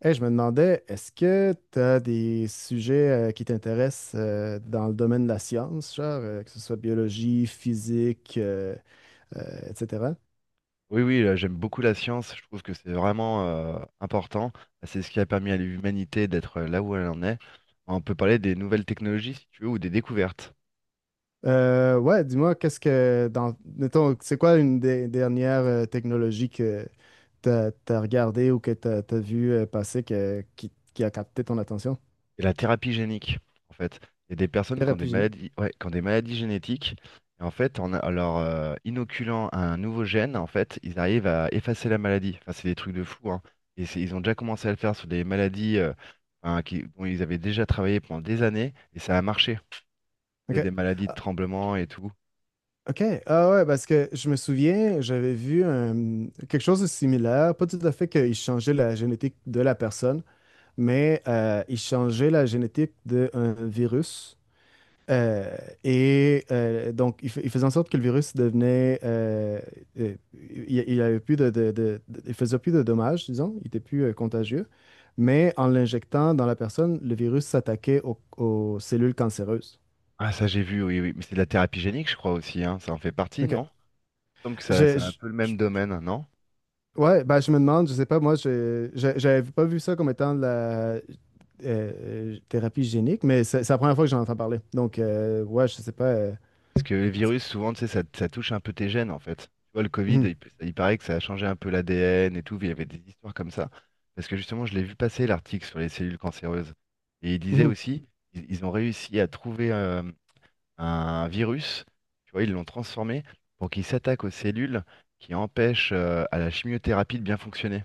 Hey, je me demandais, est-ce que tu as des sujets qui t'intéressent dans le domaine de la science, genre, que ce soit biologie, physique, euh, etc. Oui, oui, j'aime beaucoup la science. Je trouve que c'est vraiment important. C'est ce qui a permis à l'humanité d'être là où elle en est. On peut parler des nouvelles technologies, si tu veux, ou des découvertes. Ouais, dis-moi, qu'est-ce que, dans, mettons, c'est quoi une des dernières technologies que tu as, regardée ou que tu as, vu passer qui a capté ton attention? Et la thérapie génique, en fait. Il y a des personnes qui ont des Thérapie génique. maladies, ouais, qui ont des maladies génétiques. Et en fait, en leur inoculant un nouveau gène, en fait, ils arrivent à effacer la maladie. Enfin, c'est des trucs de fou, hein. Ils ont déjà commencé à le faire sur des maladies hein, dont ils avaient déjà travaillé pendant des années. Et ça a marché. C'est OK. des maladies de tremblement et tout. OK. Ah ouais, parce que je me souviens, quelque chose de similaire. Pas tout à fait qu'ils changeaient la génétique de la personne, mais ils changeaient la génétique d'un virus. Euh, donc, ils faisaient en sorte que le virus devenait. Euh, il avait plus de il faisait plus de dommages, disons. Il était plus contagieux. Mais en l'injectant dans la personne, le virus s'attaquait aux cellules cancéreuses. Ah, ça j'ai vu, oui, oui. Mais c'est de la thérapie génique, je crois aussi, hein. Ça en fait partie, OK. non? Il me semble que ça, Je, c'est un je- peu le même domaine, non? Ouais, ben je me demande, je sais pas, moi, j'avais pas vu ça comme étant de la euh, thérapie génique, mais c'est la première fois que j'en entends parler. Donc, ouais, je sais pas. Parce que les virus, souvent, tu sais, ça touche un peu tes gènes, en fait. Tu vois, le Covid, Mhm, il paraît que ça a changé un peu l'ADN et tout, il y avait des histoires comme ça. Parce que justement, je l'ai vu passer l'article sur les cellules cancéreuses. Et il disait mhm. aussi, ils ont réussi à trouver un virus, tu vois, ils l'ont transformé pour qu'il s'attaque aux cellules qui empêchent à la chimiothérapie de bien fonctionner.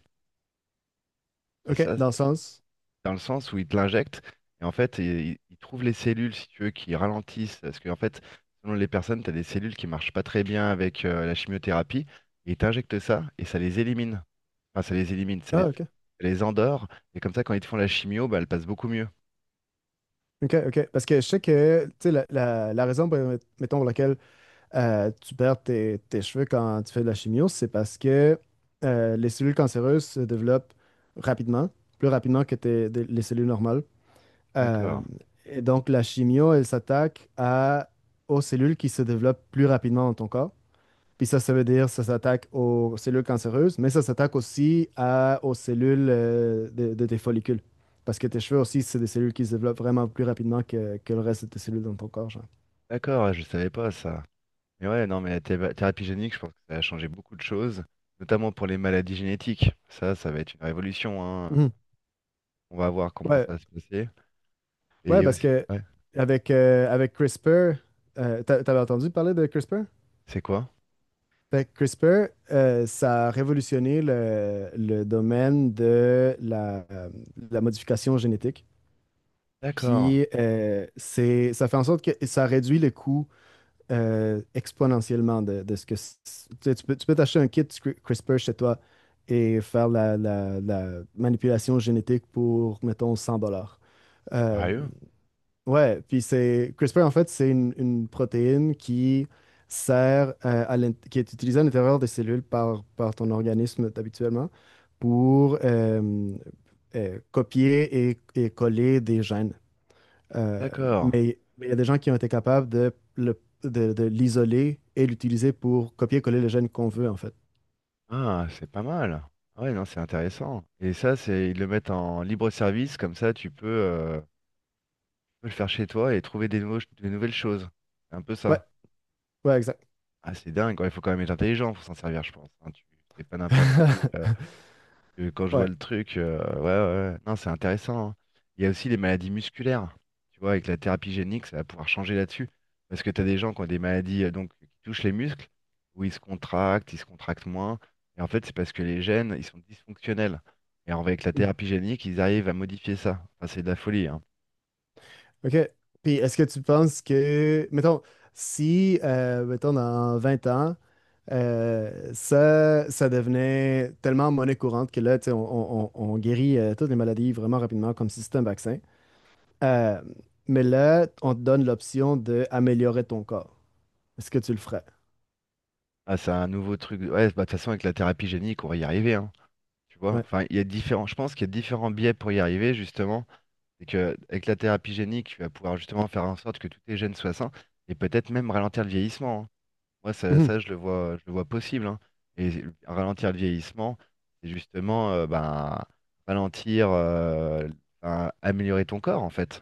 Et OK, ça, dans le sens. dans le sens où il te l'injecte. Et en fait, il trouve les cellules, si tu veux, qui ralentissent. Parce qu'en fait, selon les personnes, tu as des cellules qui marchent pas très bien avec la chimiothérapie. Et il t'injecte ça et ça les élimine. Enfin, ça les élimine, Ah, ça OK. les endort. Et comme ça, quand ils te font la chimio, bah, elle passe beaucoup mieux. OK, OK. Parce que je sais que, tu sais, la raison, mettons, pour laquelle tu perds tes cheveux quand tu fais de la chimio, c'est parce que les cellules cancéreuses se développent rapidement, plus rapidement que les cellules normales. Euh, D'accord. et donc, la chimio, elle s'attaque aux cellules qui se développent plus rapidement dans ton corps. Puis ça veut dire ça s'attaque aux cellules cancéreuses, mais ça s'attaque aussi aux cellules de tes follicules. Parce que tes cheveux aussi, c'est des cellules qui se développent vraiment plus rapidement que le reste de tes cellules dans ton corps, genre. D'accord, ouais, je savais pas ça. Mais ouais, non, mais la thérapie génique, je pense que ça a changé beaucoup de choses, notamment pour les maladies génétiques. Ça va être une révolution, hein. Mhm. On va voir comment ça Ouais. va se passer. Et il Ouais, y a parce aussi. que Ouais, avec, avec CRISPR, t'avais entendu parler de CRISPR? c'est quoi? Fait que CRISPR, ça a révolutionné le domaine de la modification génétique. D'accord. Puis ça fait en sorte que ça réduit le coût exponentiellement de ce que. C- Tu sais, tu peux t'acheter un kit CRISPR chez toi et faire la manipulation génétique pour, mettons, 100 dollars. Euh, Sérieux? Ouais, puis c'est CRISPR en fait, c'est une protéine qui sert qui est utilisée à l'intérieur des cellules par ton organisme habituellement pour copier et coller des gènes. Euh, D'accord. mais il y a des gens qui ont été capables de l'isoler et l'utiliser pour copier-coller le gène qu'on veut en fait. Ah, c'est pas mal. Ah ouais, non, c'est intéressant. Et ça, c'est ils le mettent en libre service, comme ça tu peux le faire chez toi et trouver des des nouvelles choses. C'est un peu Ouais, ça. ouais, exact. Ah, c'est dingue, quoi. Il faut quand même être intelligent pour s'en servir, je pense, hein. C'est pas n'importe qui, que quand je vois Ouais. le truc, ouais, ouais, ouais. Non, c'est intéressant, hein. Il y a aussi les maladies musculaires. Tu vois, avec la thérapie génique, ça va pouvoir changer là-dessus. Parce que tu as des gens qui ont des maladies donc, qui touchent les muscles, où ils se contractent moins. Et en fait, c'est parce que les gènes, ils sont dysfonctionnels. Et alors, avec la Mm. thérapie génique, ils arrivent à modifier ça. Enfin, c'est de la folie, hein. OK. Puis est-ce que tu penses que, mettons, si, mettons, dans 20 ans, ça, ça devenait tellement monnaie courante que là, tu sais, on guérit toutes les maladies vraiment rapidement comme si c'était un vaccin. Euh, mais là, on te donne l'option d'améliorer ton corps. Est-ce que tu le ferais? Ah, c'est un nouveau truc. Ouais, bah, de toute façon, avec la thérapie génique, on va y arriver, hein. Tu vois, Ouais. enfin, il y a différents... Je pense qu'il y a différents biais pour y arriver, justement. C'est que avec la thérapie génique, tu vas pouvoir justement faire en sorte que tous tes gènes soient sains et peut-être même ralentir le vieillissement, hein. Moi, ça, Mhm. ça, je le vois possible, hein. Et ralentir le vieillissement, c'est justement ben, ralentir, ben, améliorer ton corps en fait.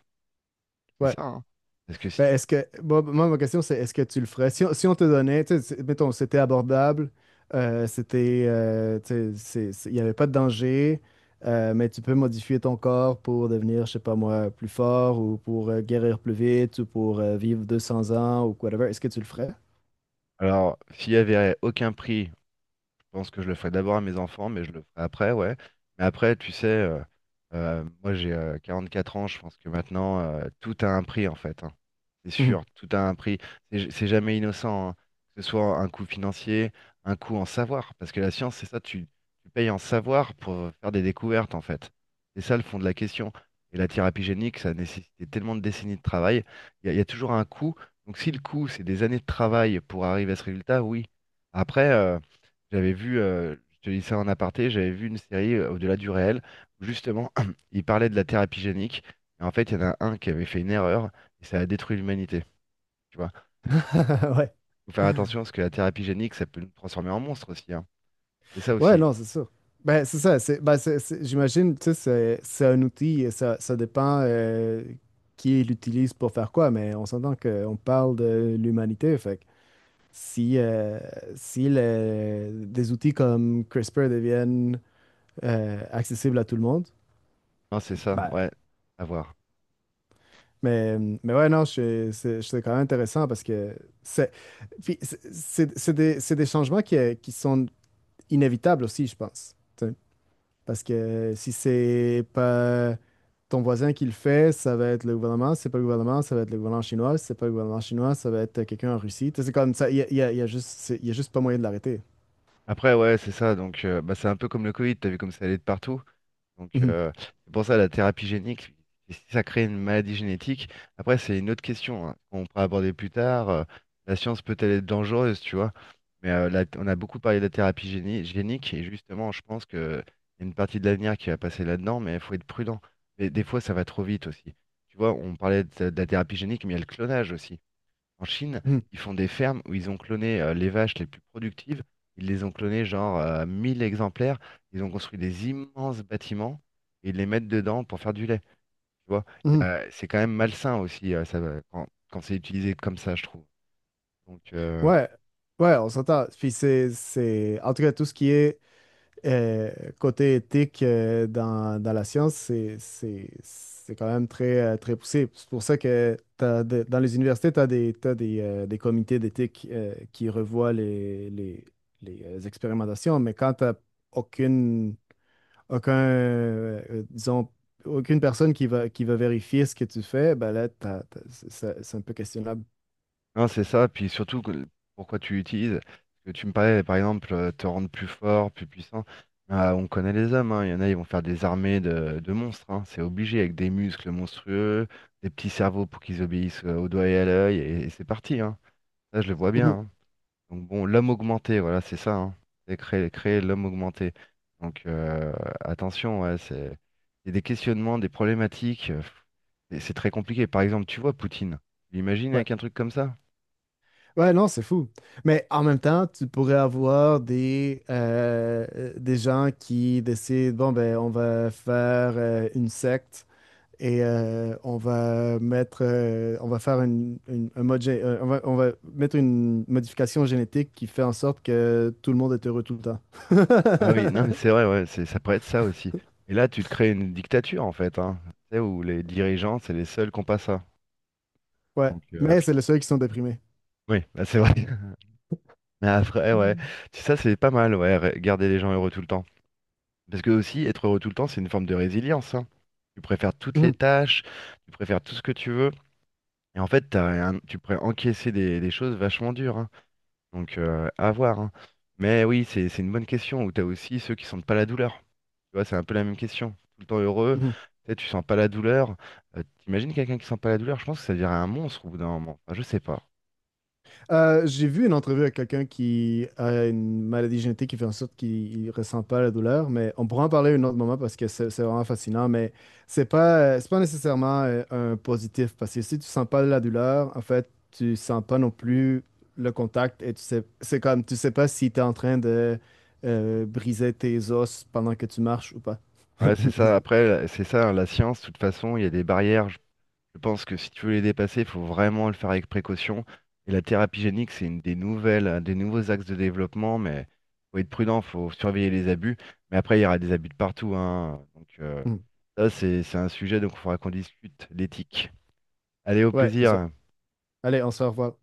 C'est Ouais. ça, hein. Parce que si Ben, tu- est-ce que moi, ma question c'est est-ce que tu le ferais? Si si on te donnait, tu sais, mettons, c'était abordable, c'était, tu sais, il n'y avait pas de danger, mais tu peux modifier ton corps pour devenir, je sais pas moi, plus fort ou pour guérir plus vite ou pour vivre 200 ans ou whatever. Est-ce que tu le ferais? Alors, s'il y avait aucun prix, je pense que je le ferai d'abord à mes enfants, mais je le ferai après, ouais. Mais après, tu sais, moi j'ai 44 ans, je pense que maintenant, tout a un prix en fait, hein. C'est Mhm. sûr, tout a un prix. C'est jamais innocent, hein. Que ce soit un coût financier, un coût en savoir. Parce que la science, c'est ça, tu payes en savoir pour faire des découvertes en fait. C'est ça le fond de la question. Et la thérapie génique, ça a nécessité tellement de décennies de travail. Il y a toujours un coût. Donc si le coût, c'est des années de travail pour arriver à ce résultat, oui. Après, j'avais vu, je te dis ça en aparté, j'avais vu une série Au-delà du réel, où justement, il parlait de la thérapie génique, et en fait, il y en a un qui avait fait une erreur, et ça a détruit l'humanité, tu vois. Ouais. Faut faire attention, parce que la thérapie génique, ça peut nous transformer en monstre aussi, hein. C'est ça Ouais, aussi. non, c'est sûr. Ben, c'est ça. J'imagine, tu sais, c'est un outil et ça dépend qui l'utilise pour faire quoi, mais on s'entend qu'on parle de l'humanité. Fait que si, des outils comme CRISPR deviennent accessibles à tout le monde, Non, c'est ça, ben, ouais, à voir. Mais ouais, non, c'est quand même intéressant parce que c'est c'est des changements qui sont inévitables aussi, je pense. Parce que si c'est pas ton voisin qui le fait, ça va être le gouvernement. Si c'est pas le gouvernement, ça va être le gouvernement chinois. Si c'est pas le gouvernement chinois, ça va être quelqu'un en Russie. Tu sais, c'est comme ça, il y a juste, il y a juste pas moyen de l'arrêter. Après, ouais, c'est ça, donc bah, c'est un peu comme le Covid, t'as vu comme ça allait de partout. Donc, Mhm. C'est pour ça la thérapie génique, si ça crée une maladie génétique, après, c'est une autre question hein, qu'on pourra aborder plus tard. La science peut-elle être dangereuse, tu vois? Mais on a beaucoup parlé de la thérapie génique, et justement, je pense que y a une partie de l'avenir qui va passer là-dedans, mais il faut être prudent. Mais des fois, ça va trop vite aussi. Tu vois, on parlait de la thérapie génique, mais il y a le clonage aussi. En Chine, Mhm. ils font des fermes où ils ont cloné les vaches les plus productives. Ils les ont clonées genre 1000 exemplaires. Ils ont construit des immenses bâtiments et ils les mettent dedans pour faire du lait. Tu vois, Mhm. C'est quand même malsain aussi ça, quand c'est utilisé comme ça, je trouve. Donc, euh, Ouais, ouais, on s'entend. Puis en tout cas, tout ce qui est euh, côté éthique dans la science, c'est quand même très, très poussé. C'est pour ça que dans les universités, tu as des, t'as des comités d'éthique qui revoient les expérimentations, mais quand aucune, aucun, disons, aucune personne qui va vérifier ce que tu fais, ben là, c'est un peu questionnable. Non, c'est ça, puis surtout pourquoi tu l'utilises. Parce que tu me parlais, par exemple, te rendre plus fort, plus puissant. Ah, on connaît les hommes, hein. Il y en a, ils vont faire des armées de monstres, hein. C'est obligé, avec des muscles monstrueux, des petits cerveaux pour qu'ils obéissent au doigt et à l'œil, et c'est parti, hein. Ça, je le vois bien, Mhm. hein. Donc bon, l'homme augmenté, voilà, c'est ça, hein. C'est créer l'homme augmenté. Donc attention, ouais, c'est il y a des questionnements, des problématiques, et c'est très compliqué. Par exemple, tu vois Poutine, tu l'imagines Ouais. avec un truc comme ça? Ouais, non, c'est fou. Mais en même temps, tu pourrais avoir des gens qui décident, bon, ben, on va faire une secte et on va mettre, on va faire un mode gé- on va mettre une modification génétique qui fait en sorte que tout le monde est heureux tout le temps. Ah oui, non mais c'est vrai, ouais, ça pourrait être ça aussi. Et là, tu te crées une dictature en fait, hein, tu sais, où les dirigeants, c'est les seuls qui n'ont pas ça. Ouais, Donc, mais c'est les seuls qui sont déprimés. oui, là, c'est vrai. Mais après, ouais, Tu ça c'est pas mal, ouais, garder les gens heureux tout le temps. Parce que aussi, être heureux tout le temps, c'est une forme de résilience, hein. Tu préfères toutes les Mhm. tâches, tu préfères tout ce que tu veux. Et en fait, t'as tu pourrais encaisser des choses vachement dures, hein. Donc, à voir, hein. Mais oui, c'est une bonne question où tu as aussi ceux qui sentent pas la douleur. Tu vois, c'est un peu la même question. Tout le temps heureux, Mhm. tu sais, tu sens pas la douleur. T'imagines quelqu'un qui sent pas la douleur, je pense que ça dirait un monstre au bout d'un moment. Enfin, je sais pas. J'ai vu une entrevue avec quelqu'un qui a une maladie génétique qui fait en sorte qu'il ne ressent pas la douleur, mais on pourra en parler un autre moment parce que c'est vraiment fascinant, mais c'est pas nécessairement un positif parce que si tu sens pas la douleur, en fait, tu sens pas non plus le contact et tu sais, c'est comme, tu sais pas si tu es en train de briser tes os pendant que tu marches ou pas. Ouais, c'est ça. Après, c'est ça, hein, la science, de toute façon, il y a des barrières. Je pense que si tu veux les dépasser, il faut vraiment le faire avec précaution. Et la thérapie génique, c'est une des nouvelles, un des nouveaux axes de développement, mais faut être prudent, faut surveiller les abus. Mais après, il y aura des abus de partout, hein. Donc, ça, c'est un sujet, donc il faudra qu'on discute, l'éthique. Allez, au Ouais, c'est ça. plaisir. Allez, on se revoit.